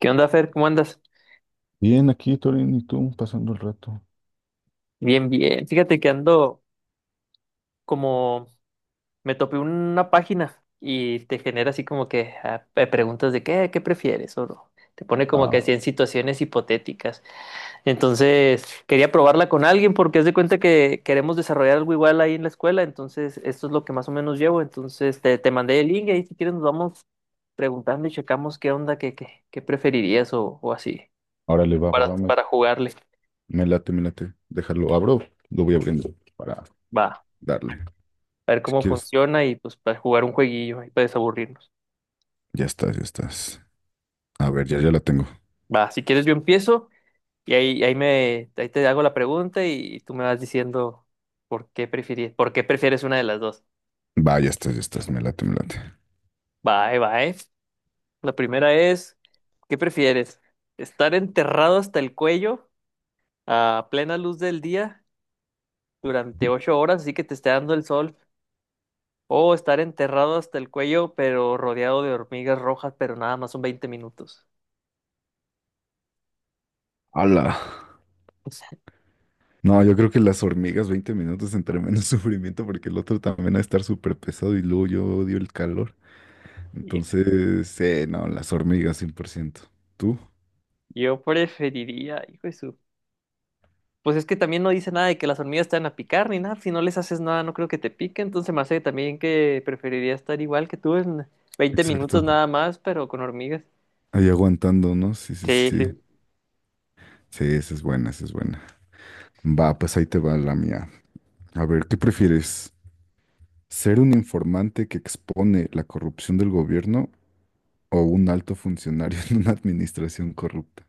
¿Qué onda, Fer? ¿Cómo andas? Bien, aquí, Torín, y tú, pasando el rato. Bien, bien. Fíjate que ando como me topé una página y te genera así como que preguntas de qué prefieres o no. Te pone como que Ah, así en situaciones hipotéticas. Entonces, quería probarla con alguien porque haz de cuenta que queremos desarrollar algo igual ahí en la escuela. Entonces, esto es lo que más o menos llevo. Entonces, te mandé el link y ahí si quieres nos vamos preguntando y checamos qué onda, qué preferirías o así ahora le va, papá, me, para jugarle. me late, me late. Déjalo, abro, lo voy abriendo para Va. darle. A ver Si cómo quieres, funciona y pues para jugar un jueguillo ahí para desaburrirnos. ya estás, ya estás. A ver, ya, ya la tengo. Va, si quieres yo empiezo y ahí te hago la pregunta y tú me vas diciendo por qué prefieres una de las dos. Va, ya estás, me late, me late. Va, ahí va, La primera es, ¿qué prefieres? ¿Estar enterrado hasta el cuello a plena luz del día durante 8 horas, así que te esté dando el sol? O estar enterrado hasta el cuello, pero rodeado de hormigas rojas, pero nada más son 20 minutos. ¡Hala! No, yo creo que las hormigas, 20 minutos entre menos sufrimiento, porque el otro también va a estar súper pesado y luego yo odio el calor. Entonces, sí, no, las hormigas, 100%. ¿Tú? Yo preferiría, hijo de su. Pues es que también no dice nada de que las hormigas te van a picar ni nada. Si no les haces nada, no creo que te pique. Entonces me hace también que preferiría estar igual que tú en 20 minutos Exacto. nada más, pero con hormigas. Ahí aguantando, ¿no? Sí, sí, Sí, sí. sí. Sí, esa es buena, esa es buena. Va, pues ahí te va la mía. A ver, ¿qué prefieres? ¿Ser un informante que expone la corrupción del gobierno o un alto funcionario en una administración corrupta?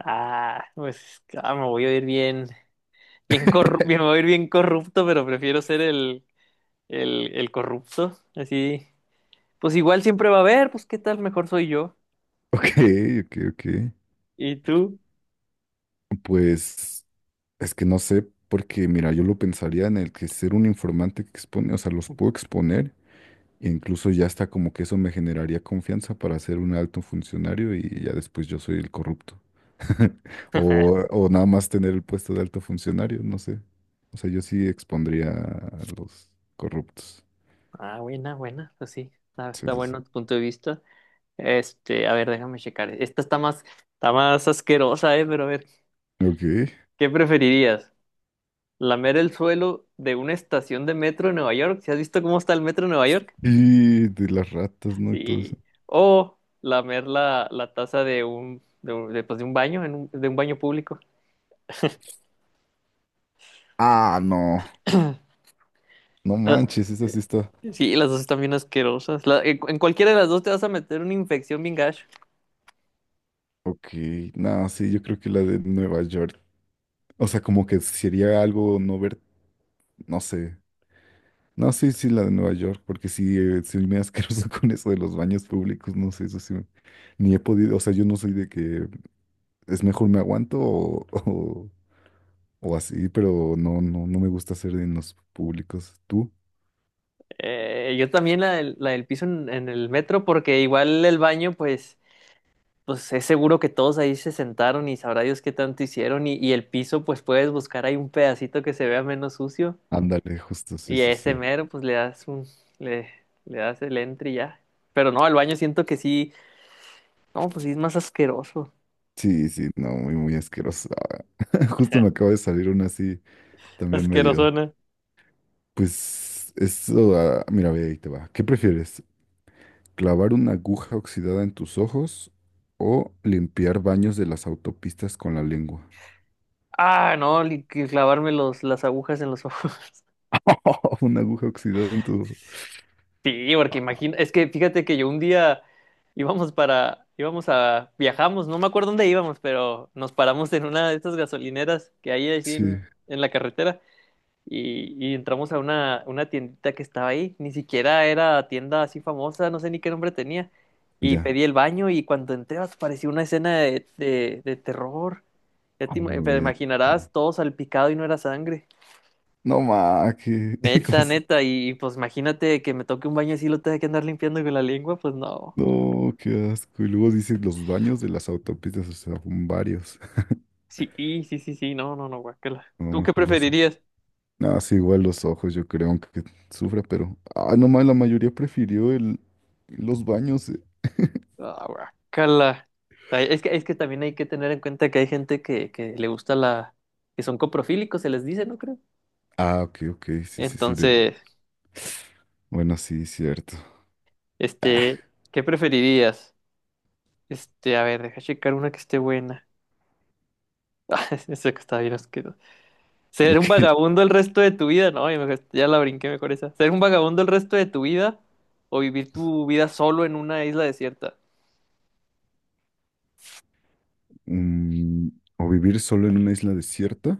Me voy a ir bien, bien corrupto, me voy a ir bien corrupto, pero prefiero ser el corrupto. Así, pues igual siempre va a haber, pues qué tal, mejor soy yo. Ok, ok, ok. ¿Y tú? Pues es que no sé, porque mira, yo lo pensaría en el que ser un informante que expone, o sea, los puedo exponer. E incluso ya está como que eso me generaría confianza para ser un alto funcionario y ya después yo soy el corrupto. O, o nada más tener el puesto de alto funcionario, no sé. O sea, yo sí expondría a los corruptos. Ah, buena, buena, pues sí. Ah, Sí, está sí, sí. bueno tu punto de vista. Este, a ver, déjame checar. Esta está más asquerosa, ¿eh? Pero a ver, Ok. ¿qué preferirías? ¿Lamer el suelo de una estación de metro en Nueva York? ¿Si has visto cómo está el metro en Nueva York? Y de las ratas, ¿no? Y todo eso. Sí. O lamer la taza de pues, de un baño, en de un baño público. Ah, no. No La- manches, esa sí está. Sí, las dos están bien asquerosas. En cualquiera de las dos te vas a meter una infección bien gacho. Ok. No, sí, yo creo que la de Nueva York. O sea, como que sería algo no ver, no sé. No, sí, sí, la de Nueva York, porque sí, soy muy asqueroso con eso de los baños públicos, no sé, eso sí, me- ni he podido, o sea, yo no soy de que es mejor me aguanto o así, pero no, no, no me gusta hacer en los públicos. ¿Tú? Yo también la del piso en el metro, porque igual el baño, pues. Pues es seguro que todos ahí se sentaron y sabrá Dios qué tanto hicieron y el piso pues puedes buscar ahí un pedacito que se vea menos sucio Ándale, justo, sí, y a sí, sí. ese mero pues le, le das el entre y ya. Pero no, el baño siento que sí, no, pues sí es más asqueroso, Sí, sí, no, muy, muy asqueroso. Justo me acaba de salir una así, también medio. asquerosona. Pues, eso, ah, mira, ve, ahí te va. ¿Qué prefieres? ¿Clavar una aguja oxidada en tus ojos o limpiar baños de las autopistas con la lengua? Ah, no, que clavarme las agujas en los ojos. Una aguja oxidada en tu... Sí, porque imagino, es que fíjate que yo un día íbamos para, íbamos a, viajamos, no me acuerdo dónde íbamos, pero nos paramos en una de estas gasolineras que hay así Sí, en la carretera. Y, y entramos a una tiendita que estaba ahí, ni siquiera era tienda así famosa, no sé ni qué nombre tenía, y ya. pedí el baño y cuando entré pues, parecía una escena de terror, ya A la te vez. imaginarás todo salpicado y no era sangre, No, ma, que... ¿cómo neta, se- neta, y pues imagínate que me toque un baño así y lo tenga que andar limpiando con la lengua, pues no, No, qué asco. Y luego dices los baños de las autopistas, o sea, son varios. sí, sí, sí, sí, no, no, no, guácala. A lo ¿Tú qué mejor los ojos. preferirías? No, sí, igual los ojos, yo creo, aunque sufra, pero... Ah, no, ma, la mayoría prefirió el... los baños, eh. Ah, guácala. Es que también hay que tener en cuenta que hay gente que le gusta la... Que son coprofílicos, se les dice, ¿no creo? Ah, ok, ok, sí, sí, sí, del... Entonces, Bueno, sí, cierto. este, ¿qué preferirías? Este, a ver, deja checar una que esté buena. Ah, esa que está bien asquerosa. ¿Ser un Ok. vagabundo el resto de tu vida? No, ya la brinqué mejor esa. ¿Ser un vagabundo el resto de tu vida o vivir tu vida solo en una isla desierta? Mm, o vivir solo en una isla desierta.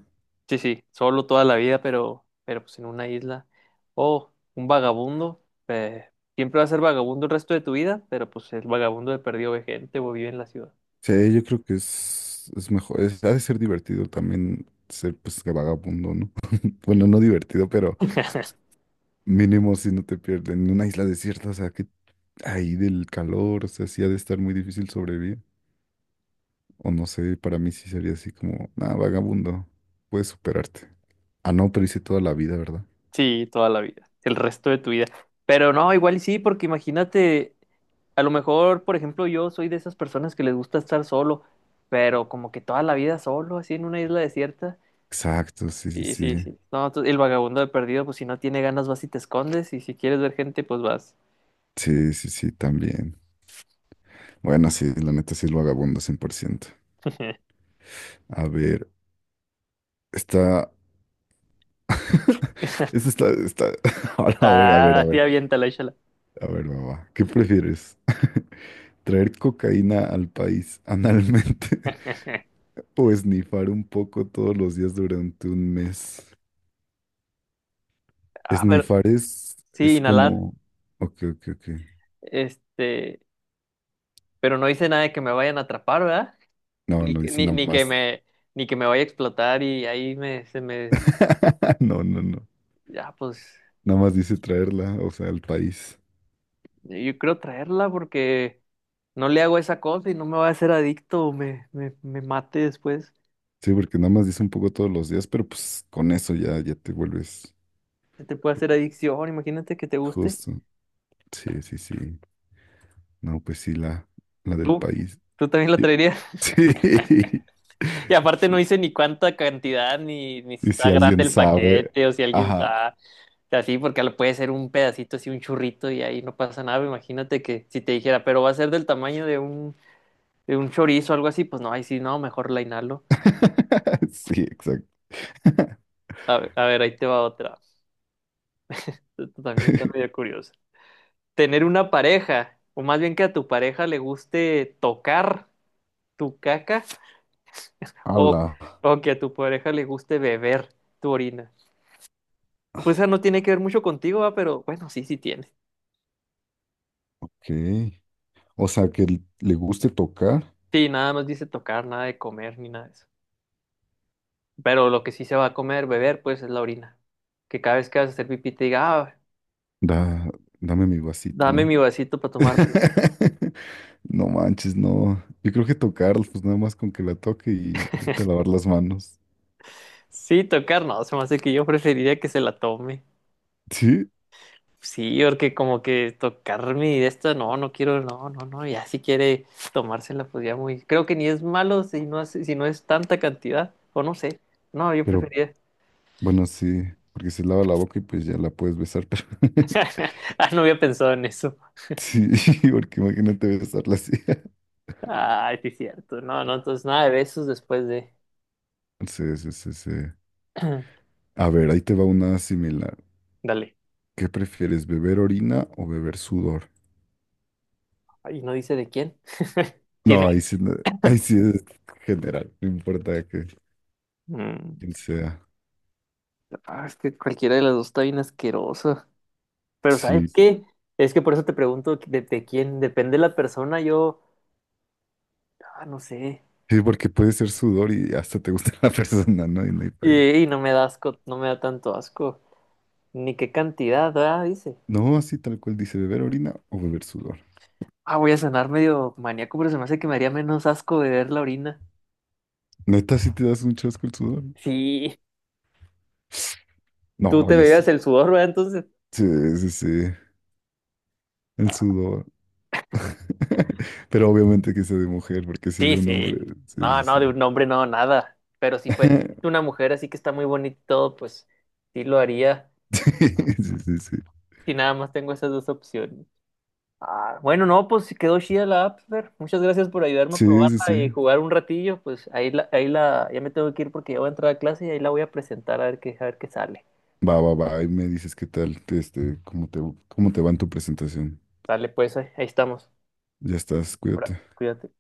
Sí, sí, solo toda la vida, pero pues en una isla. O un vagabundo, eh, siempre va a ser vagabundo el resto de tu vida, pero pues el vagabundo de perdido ve gente o vive en la ciudad. Sí, yo creo que es, mejor, es- ha de ser divertido también ser pues que vagabundo, ¿no? Bueno, no divertido, pero mínimo si no te pierden en una isla desierta, o sea, que ahí del calor, o sea, sí ha de estar muy difícil sobrevivir. O no sé, para mí sí sería así como, nada, vagabundo, puedes superarte. Ah, no, pero hice toda la vida, ¿verdad? Sí, toda la vida, el resto de tu vida. Pero no, igual y sí, porque imagínate, a lo mejor, por ejemplo, yo soy de esas personas que les gusta estar solo, pero como que toda la vida solo, así en una isla desierta. Exacto, sí, sí, Sí, sí, sí. sí. No, el vagabundo de perdido, pues si no tiene ganas vas y te escondes, y si quieres ver gente, pues vas. Sí, sí, sí, también. Bueno, sí, la neta sí es vagabundo 100%. A ver, está... Esta está, está... A ver, a ver, a Ah, sí, ver. aviéntala, échala. A ver, mamá, ¿qué prefieres? ¿Traer cocaína al país analmente o esnifar un poco todos los días durante un mes? Ah, pero Esnifar sí, es inhalar. como... Ok, ok, ok. Este, pero no hice nada de que me vayan a atrapar, ¿verdad? No, no dice nada Ni que más. Ni que me vaya a explotar y ahí me, se me, No, no, no. ya, pues, Nada más dice traerla, o sea, al país. yo creo traerla porque no le hago esa cosa y no me va a hacer adicto o me mate después. Sí, porque nada más dice un poco todos los días, pero pues con eso ya, ya te vuelves Se te puede hacer adicción, imagínate que te guste. justo. Sí, sí, sí. No, pues sí, la del Tú, país. Tú también la Y- traerías. sí. Y aparte no hice ni cuánta cantidad, ni si Y está si grande alguien el sabe, paquete o si alguien ajá. sabe. Así, porque lo puede ser un pedacito así, un churrito y ahí no pasa nada. Imagínate que si te dijera, pero va a ser del tamaño de de un chorizo o algo así, pues no, ahí sí, no, mejor la inhalo. Sí, exacto. A ver, ahí te va otra. Esto también está medio curioso. Tener una pareja, o más bien que a tu pareja le guste tocar tu caca, o, Ala, o que a tu pareja le guste beber tu orina. Pues esa no tiene que ver mucho contigo, ¿va? Pero bueno, sí, sí tiene. ok. O sea, que l- le guste tocar, Sí, nada más dice tocar, nada de comer, ni nada de eso. Pero lo que sí se va a comer, beber, pues es la orina. Que cada vez que vas a hacer pipí te diga, ah, da, dame mi vasito, dame ¿no? mi vasito para tomármela. No manches, no. Yo creo que tocar, pues nada más con que la toque y vete a lavar las manos. Sí, tocar, no, se me hace que yo preferiría que se la tome. Sí, Sí, porque como que tocar mi de esto, no, no quiero, no, no, no, ya si quiere tomársela, pues ya muy. Creo que ni es malo si no, si no es tanta cantidad, o no sé. No, yo pero preferiría. bueno, sí, porque se lava la boca y pues ya la puedes besar, pero Ah, no había pensado en eso. sí, porque imagínate besarla así. Ay, sí, cierto. No, no, entonces nada de besos después de. Sí, sí, sí, sí. A ver, ahí te va una similar. Dale. ¿Qué prefieres, beber orina o beber sudor? Ay, no dice de quién. Tiene. No, ahí sí, ahí sí es general, no importa que Mm. quién sea. Ah, es que cualquiera de las dos está bien asquerosa. Pero ¿sabes Sí, qué? Es que por eso te pregunto de quién depende la persona. Yo, ah, no sé. sí, porque puede ser sudor y hasta te gusta la persona, ¿no? Y no hay pa' ello. Y no me da asco, no me da tanto asco. Ni qué cantidad, ah, dice. No, así tal cual dice, beber orina o beber sudor. Ah, voy a sonar medio maníaco, pero se me hace que me haría menos asco beber la orina. Neta, si te das un chasco el sudor. Sí, tú no. No, Te yo bebías sí, el sudor, ¿verdad? Entonces. sí, sí, sí, el Ah, sudor. Pero obviamente que sea de mujer, porque si de sí, un hombre, sí. sí, No, sí, no, de sí. un hombre no, nada. Pero si fue una mujer así que está muy bonito, pues sí lo haría. Sí, sí, sí. Si nada más tengo esas dos opciones. Ah, bueno, no, pues sí quedó chida la app, Fer. Muchas gracias por ayudarme a Sí, sí, probarla sí. y jugar un ratillo. Pues ahí la, ya me tengo que ir porque ya voy a entrar a clase y ahí la voy a presentar a ver qué sale. Va, va, va, ahí me dices qué tal, este, cómo te va en tu presentación. Sale, pues, ahí ahí estamos. Ya estás, Ahora, cuídate. cuídate.